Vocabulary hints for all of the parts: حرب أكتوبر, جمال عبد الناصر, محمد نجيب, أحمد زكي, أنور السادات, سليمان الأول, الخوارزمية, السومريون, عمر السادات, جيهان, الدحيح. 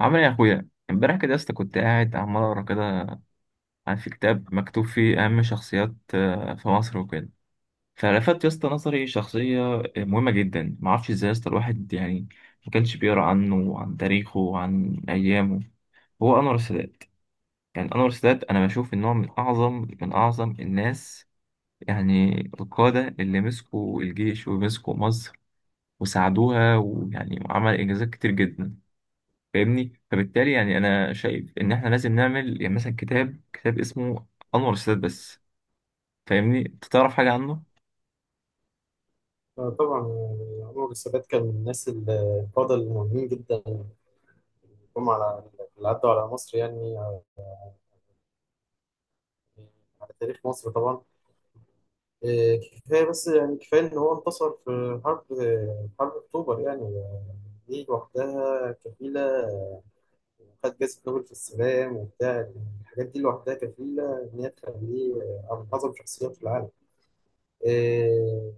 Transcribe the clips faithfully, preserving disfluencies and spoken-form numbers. عامل ايه يا اخويا؟ امبارح كده يا اسطى كنت قاعد عمال اقرا كده عن في كتاب مكتوب فيه اهم شخصيات آه، في مصر وكده. فلفت يا اسطى نظري شخصيه آه، مهمه جدا. ما اعرفش ازاي يا اسطى الواحد يعني ما كانش بيقرا عنه وعن تاريخه وعن ايامه. هو انور السادات. يعني انور السادات انا بشوف ان هو من اعظم من اعظم الناس، يعني القاده اللي مسكوا الجيش ومسكوا مصر وساعدوها، ويعني عمل انجازات كتير جدا. فاهمني؟ فبالتالي يعني انا شايف ان احنا لازم نعمل يعني مثلا كتاب كتاب اسمه انور السادات بس. فاهمني؟ انت تعرف حاجه عنه؟ آه، طبعا يعني عمر السادات كان من الناس القادة المهمين جدا. جم على اللي عدوا على مصر، يعني آه، على تاريخ مصر طبعا. آه، كفاية بس يعني كفاية إن هو انتصر في حرب آه، حرب أكتوبر، يعني آه، دي لوحدها كفيلة، وخد جائزة نوبل في السلام وبتاع الحاجات دي لوحدها كفيلة إن هي تخليه آه، من أعظم شخصيات في العالم. آه،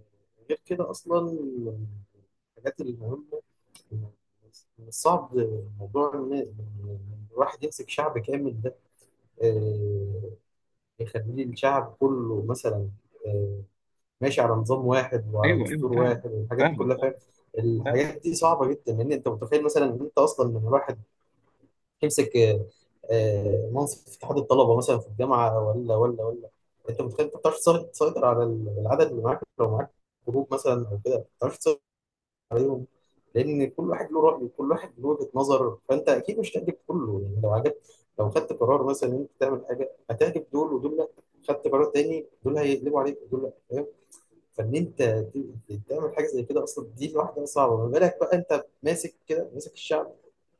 غير كده أصلا الحاجات المهمة، صعب موضوع إن إن الواحد يمسك شعب كامل ده، آه، يخليه الشعب كله مثلا آه، ماشي على نظام واحد وعلى ايوه ايوه، دستور واحد فاهم. والحاجات دي فاهمك، كلها، فاهم. فاهم. فاهم. الحاجات دي صعبة جدا، لأن أنت متخيل مثلا إن أنت أصلا لما الواحد يمسك آه، آه، منصب في اتحاد الطلبة مثلا في الجامعة ولا ولا ولا. أنت متخيل أنت ما بتعرفش تسيطر على العدد اللي معاك، لو معاك جروب مثلا أو كده ما بتعرفش تسيطر عليهم، لان كل واحد له راي وكل واحد له وجهه نظر، فانت اكيد مش هتعجب كله، يعني لو عجبت، لو خدت قرار مثلا ان انت تعمل حاجه هتعجب دول ودول لا، خدت قرار تاني دول هيقلبوا عليك ودول لا، فاهم. فان انت ت- تعمل حاجه زي كده اصلا دي لوحدها صعبه، ما بالك بقى انت ماسك كده ماسك الشعب،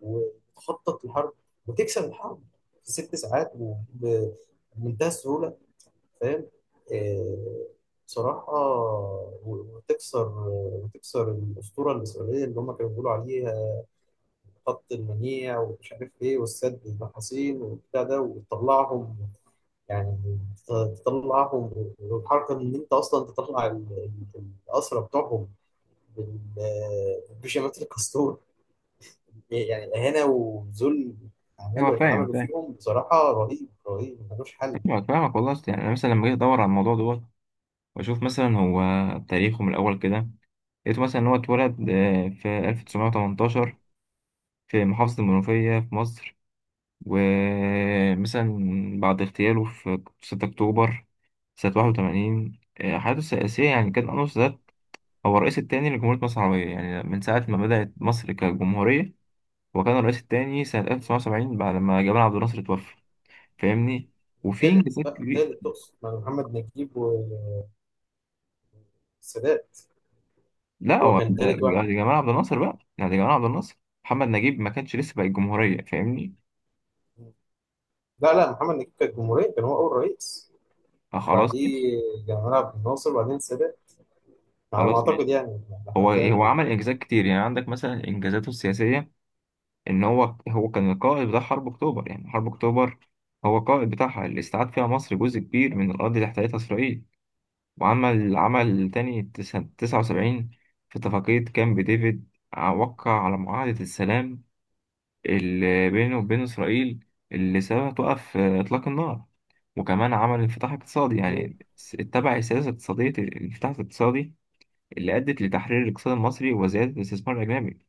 وتخطط الحرب وتكسب الحرب في ست ساعات وبمنتهى السهوله، فاهم. آه، بصراحة و- وتكسر وتكسر الأسطورة الإسرائيلية اللي هم كانوا بيقولوا عليها خط المنيع ومش عارف إيه والسد النحاسين والبتاع ده، وتطلعهم يعني ت- تطلعهم، والحركة إن أنت أصلا تطلع ال- ال- الأسرى بتوعهم بال- بشماتة الكاستور، يعني إهانة وذل، هو عملوا فاهم عملوا فاهم. فيهم بصراحة، رهيب رهيب ملوش حل. فاهمك فاهمك والله. أصل يعني انا مثلا لما جيت ادور على الموضوع دوت واشوف مثلا هو تاريخه من الاول كده، لقيته مثلا ان هو اتولد آه، في ألف وتسعمية وتمنتاشر في محافظه المنوفيه في مصر. ومثلا بعد اغتياله في ستة اكتوبر سنه واحد وتمانين، آه، حياته السياسيه يعني كان انور السادات هو الرئيس الثاني لجمهورية مصر العربية. يعني من ساعة ما بدأت مصر كجمهورية هو كان الرئيس الثاني سنة ألف وتسعمائة وسبعين بعد ما جمال عبد الناصر توفى. فاهمني؟ وفي تالت انجازات بقى، كبيرة. تالت تقصد مع محمد نجيب، السادات لا هو هو كان ده- تالت ده واحد. جمال عبد الناصر بقى، يعني ده جمال عبد الناصر. محمد نجيب ما كانش لسه بقى الجمهورية. فاهمني؟ لا لا، محمد نجيب كان جمهورية، كان هو أول رئيس، آه، خلاص ماشي. وبعديه جمال عبد الناصر وبعدين السادات، على ما خلاص أعتقد ماشي. يعني، على هو حد هو علمي. عمل انجازات كتير. يعني عندك مثلا انجازاته السياسية ان هو هو كان القائد بتاع حرب اكتوبر. يعني حرب اكتوبر هو القائد بتاعها، اللي استعاد فيها مصر جزء كبير من الأرض اللي احتلتها إسرائيل. وعمل عمل تاني تسعة تسعة وسبعين في اتفاقية كامب ديفيد، وقع على معاهدة السلام اللي بينه وبين إسرائيل، اللي سببها توقف آه، إطلاق النار. وكمان عمل انفتاح اقتصادي، مم. يعني س- اتبع سياسة اقتصادية الانفتاح الاقتصادي اللي أدت لتحرير الاقتصاد المصري وزيادة الاستثمار الأجنبي.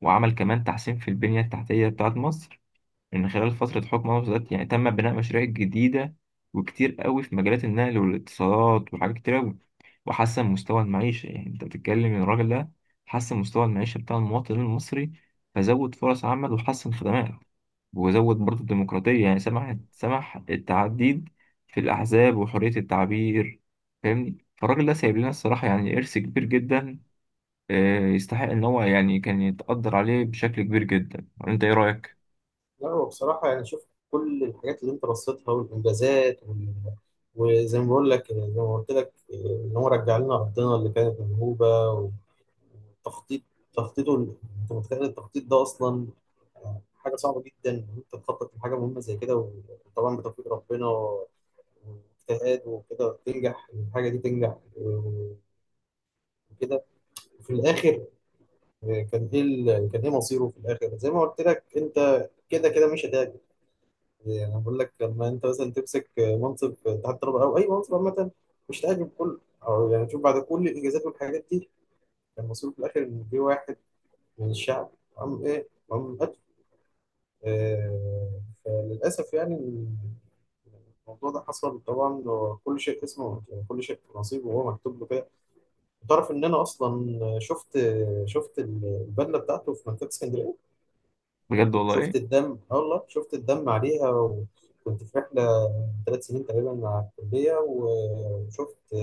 وعمل كمان تحسين في البنية التحتية بتاعة مصر. من خلال فترة حكم أنور السادات يعني تم بناء مشاريع جديدة وكتير قوي في مجالات النقل والاتصالات وحاجات كتير قوي. وحسن مستوى المعيشة، يعني أنت بتتكلم إن الراجل ده حسن مستوى المعيشة بتاع المواطن المصري، فزود فرص عمل وحسن خدمات. وزود برضه الديمقراطية يعني سمح سمح التعديد في الأحزاب وحرية التعبير. فاهمني؟ فالراجل ده سايب لنا الصراحة يعني إرث كبير جدا، آه، يستحق إن هو يعني كان يتقدر عليه بشكل كبير جدا. أنت إيه رأيك؟ لا، هو بصراحة يعني شوف، كل الحاجات اللي أنت رصيتها والإنجازات وال... وزي ما بقول لك، زي ما قلت لك إن هو رجع لنا أرضنا اللي كانت منهوبة، والتخطيط، تخطيطه ال- أنت متخيل التخطيط ده أصلا حاجة صعبة جدا، إن أنت تخطط لحاجة مهمة زي كده وطبعا بتوفيق ربنا واجتهاد وكده، وتنجح الحاجة دي تنجح آه، وكده. وفي الآخر، آه، كان إيه ال- كان إيه مصيره في الآخر؟ زي ما قلت لك أنت، كده كده مش هتعجب، يعني أنا بقول لك لما أنت مثلا تمسك منصب تحت الطلبة أو أي منصب عامة مش هتعجب كله، أو يعني شوف، بعد كل الإنجازات والحاجات دي كان مصيره في الآخر إن في واحد من الشعب قام إيه، قام قتله. آه، فللأسف يعني الموضوع ده حصل طبعا، وكل شيء اسمه يعني كل شيء نصيبه وهو مكتوب له كده. تعرف ان انا اصلا شفت، شفت البدله بتاعته في مكتبه اسكندريه، بجد والله. شفت الدم، اه والله شفت الدم عليها، وكنت في رحله ثلاث سنين تقريبا مع الكليه، وشفت،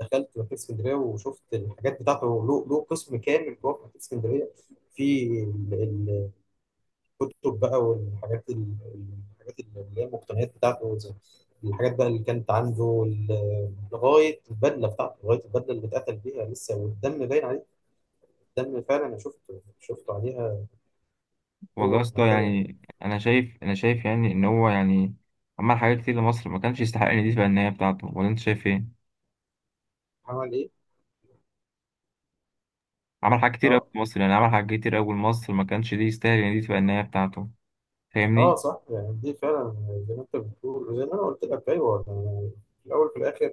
دخلت مكتبه اسكندريه وشفت الحاجات بتاعته، له له قسم كامل جوه في مكتبه اسكندريه، في ال- الكتب بقى، والحاجات ال- الحاجات اللي هي المقتنيات بتاعته، زي الحاجات بقى اللي كانت عنده، وال- لغايه البدله بتاعته لغايه البدله اللي اتقتل بيها لسه والدم باين، ده اللي فعلا انا شفته شفته عليها، والله هو يا في اسطى، المكتبه. يعني انا شايف انا شايف يعني ان هو يعني عمل حاجات كتير لمصر، ما كانش يستحق ان دي تبقى النهايه بتاعته. ولا انت شايف ايه؟ عمل ايه؟ عمل حاجات كتير قوي اه. لمصر، يعني عمل حاجات كتير قوي لمصر ما كانش دي يستاهل ان دي تبقى النهايه بتاعته. اه فاهمني؟ صح، يعني دي فعلا زي ما انت بتقول وزي ما انا قلت لك، ايوه يعني، في الاول وفي الاخر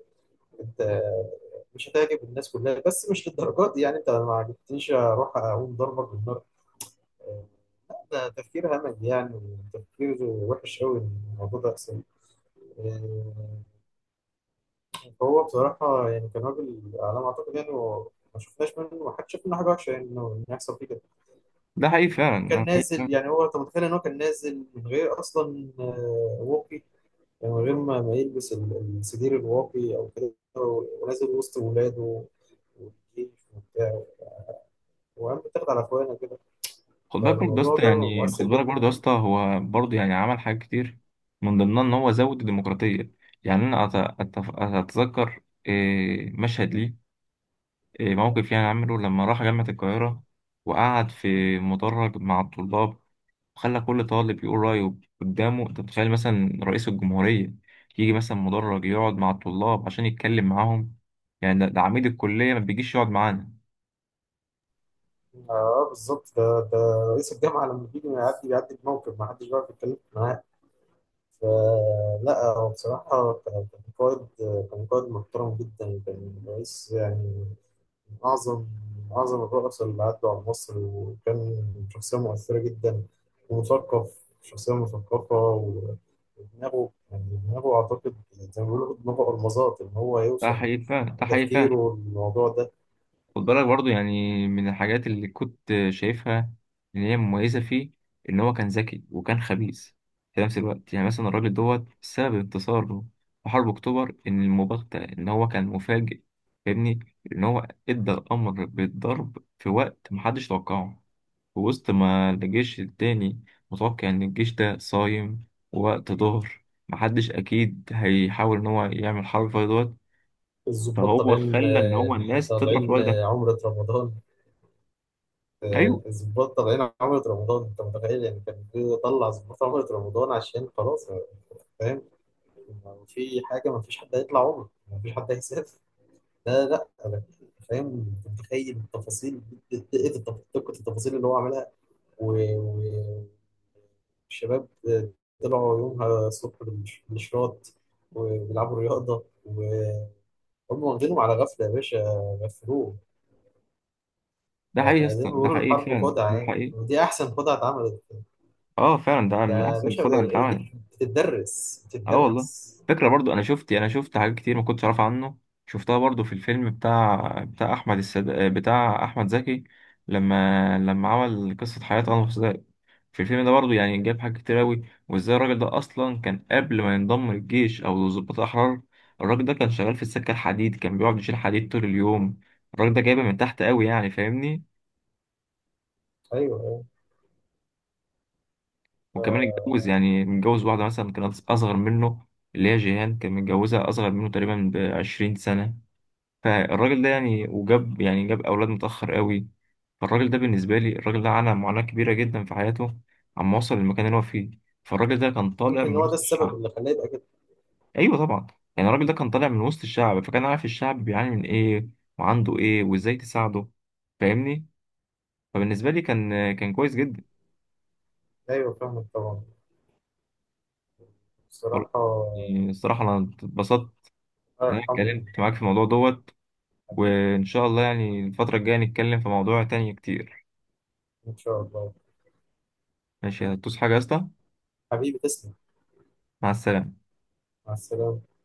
انت مش هتعجب الناس كلها، بس مش للدرجات دي، يعني انت ما عجبتنيش اروح اقوم ضربك بالنار. آه، ده تفكير همج، يعني تفكير وحش قوي الموضوع ده اصلا. آه، فهو بصراحه يعني كان راجل، على ما اعتقد يعني، هو ما شفناش منه، ما حدش شاف منه حاجه وحشه، يعني انه إنه يحصل فيه كده. ده حقيقي فعلا أنا شايف كان ده. حقيقي نازل فعلا. يعني، هو انت متخيل ان هو كان نازل من غير اصلا آه، واقي، يعني من غير ما ما يلبس ال- السدير الواقي او كده، ونازل وسط ولاده والجيش وبتاع، وقام بيتاخد على اخوانه كده، خد بالك برضه يا فالموضوع اسطى، ده يعني خد مؤثر بالك جدا. برضه يا اسطى هو برضه يعني عمل حاجات كتير من ضمنها ان هو زود الديمقراطيه. يعني انا أت- أتف- اتذكر إيه، مشهد ليه، إيه، موقف يعني عمله لما راح جامعه القاهره وقعد في مدرج مع الطلاب. خلى كل طالب يقول رأيه قدامه. انت متخيل مثلا رئيس الجمهورية يجي مثلا مدرج يقعد مع الطلاب عشان يتكلم معاهم؟ يعني ده, ده عميد الكلية ما بيجيش يقعد معانا. اه بالظبط، ده ده رئيس الجامعه لما بيجي يعدي بيعدي بموقف ما حدش بيعرف يتكلم معاه. فلا هو بصراحة كان كان قائد كان قائد محترم جدا، كان رئيس يعني، من أعظم، من أعظم الرؤساء اللي عدوا على مصر، وكان شخصية مؤثرة جدا، ومثقف، شخصية مثقفة و- ودماغه، يعني دماغه أعتقد زي ما بيقولوا دماغه ألمظات، إن هو ده يوصل حقيقي فعلا، ده حقيقي فعلا. بتفكيره الموضوع ده. خد بالك برضه يعني من الحاجات اللي كنت شايفها إن هي مميزة فيه، إن هو كان ذكي وكان خبيث في نفس الوقت. يعني مثلا الراجل دوت سبب انتصاره في حرب أكتوبر إن المباغتة، إن هو كان مفاجئ. فاهمني؟ إن هو إدى الأمر بالضرب في وقت محدش توقعه، في وسط ما الجيش التاني متوقع إن الجيش ده صايم. ووقت ظهر محدش أكيد هيحاول إن هو يعمل حرب في دوت. الضباط فهو طالعين، خلى إن هو الناس تضرب في طالعين الوقت ده. عمرة رمضان، أيوه. آه، ظباط طالعين عملة رمضان، انت متخيل يعني كان بيطلع ظباط عملة رمضان عشان خلاص، آه، فاهم. لو في حاجة ما فيش حد هيطلع عمره، ما فيش حد هيسافر. لا لا، انا فاهم. انت متخيل التفاصيل، دقة التف- دقة التفاصيل اللي هو عملها و- و- والشباب آه، طلعوا يومها الصبح بالش- بالشراط وبيلعبوا رياضة، وهم واخدينهم على غفلة، يا باشا غفلوه. ده حقيقي يا فزي ما اسطى، ده بيقولوا حقيقي الحرب فعلا خدعة، ده يعني حقيقي. ودي أحسن خدعة اتعملت، أه فعلا، ده ده من يا أحسن باشا، الخدع اللي دي اتعملت. بتتدرس أه والله. بتتدرس. فكرة برضو. أنا شفت أنا شفت حاجات كتير ما كنتش أعرف عنه. شفتها برضو في الفيلم بتاع بتاع أحمد السد... بتاع أحمد زكي لما لما عمل قصة حياة أنور السادات. في الفيلم ده برضه يعني جاب حاجات كتير أوي، وإزاي الراجل ده أصلا كان قبل ما ينضم للجيش أو لضباط الأحرار. الراجل ده كان شغال في السكة الحديد، كان بيقعد يشيل حديد طول اليوم. الراجل ده جايبه من تحت أوي يعني. فاهمني؟ ايوه ايوه، وكمان اتجوز، ف- يعني متجوز واحدة مثلا كانت أصغر منه، اللي هي جيهان كان متجوزها أصغر منه تقريبا بعشرين سنة. فالراجل ده يعني وجاب يعني جاب أولاد متأخر أوي. فالراجل ده بالنسبة لي الراجل ده عانى معاناة كبيرة جدا في حياته عما وصل للمكان اللي هو فيه. فالراجل ده كان طالع يمكن من هو ده وسط السبب الشعب. اللي خلاه يبقى كده. ايوه طبعا. يعني الراجل ده كان طالع من وسط الشعب فكان عارف الشعب بيعاني من ايه وعنده ايه وازاي تساعده. فاهمني؟ فبالنسبه لي كان كان كويس جدا. ايوه فاهمك طبعا، والله. بصراحه. الله يعني الصراحه انا اتبسطت ان انا يرحمه. اتكلمت معاك في الموضوع دوت. حبيبي، وان شاء الله يعني الفتره الجايه نتكلم في موضوع تاني كتير. ان شاء الله. ماشي. هتدوس حاجه يا اسطى؟ حبيبي، تسلم. مع السلامه. مع السلامه.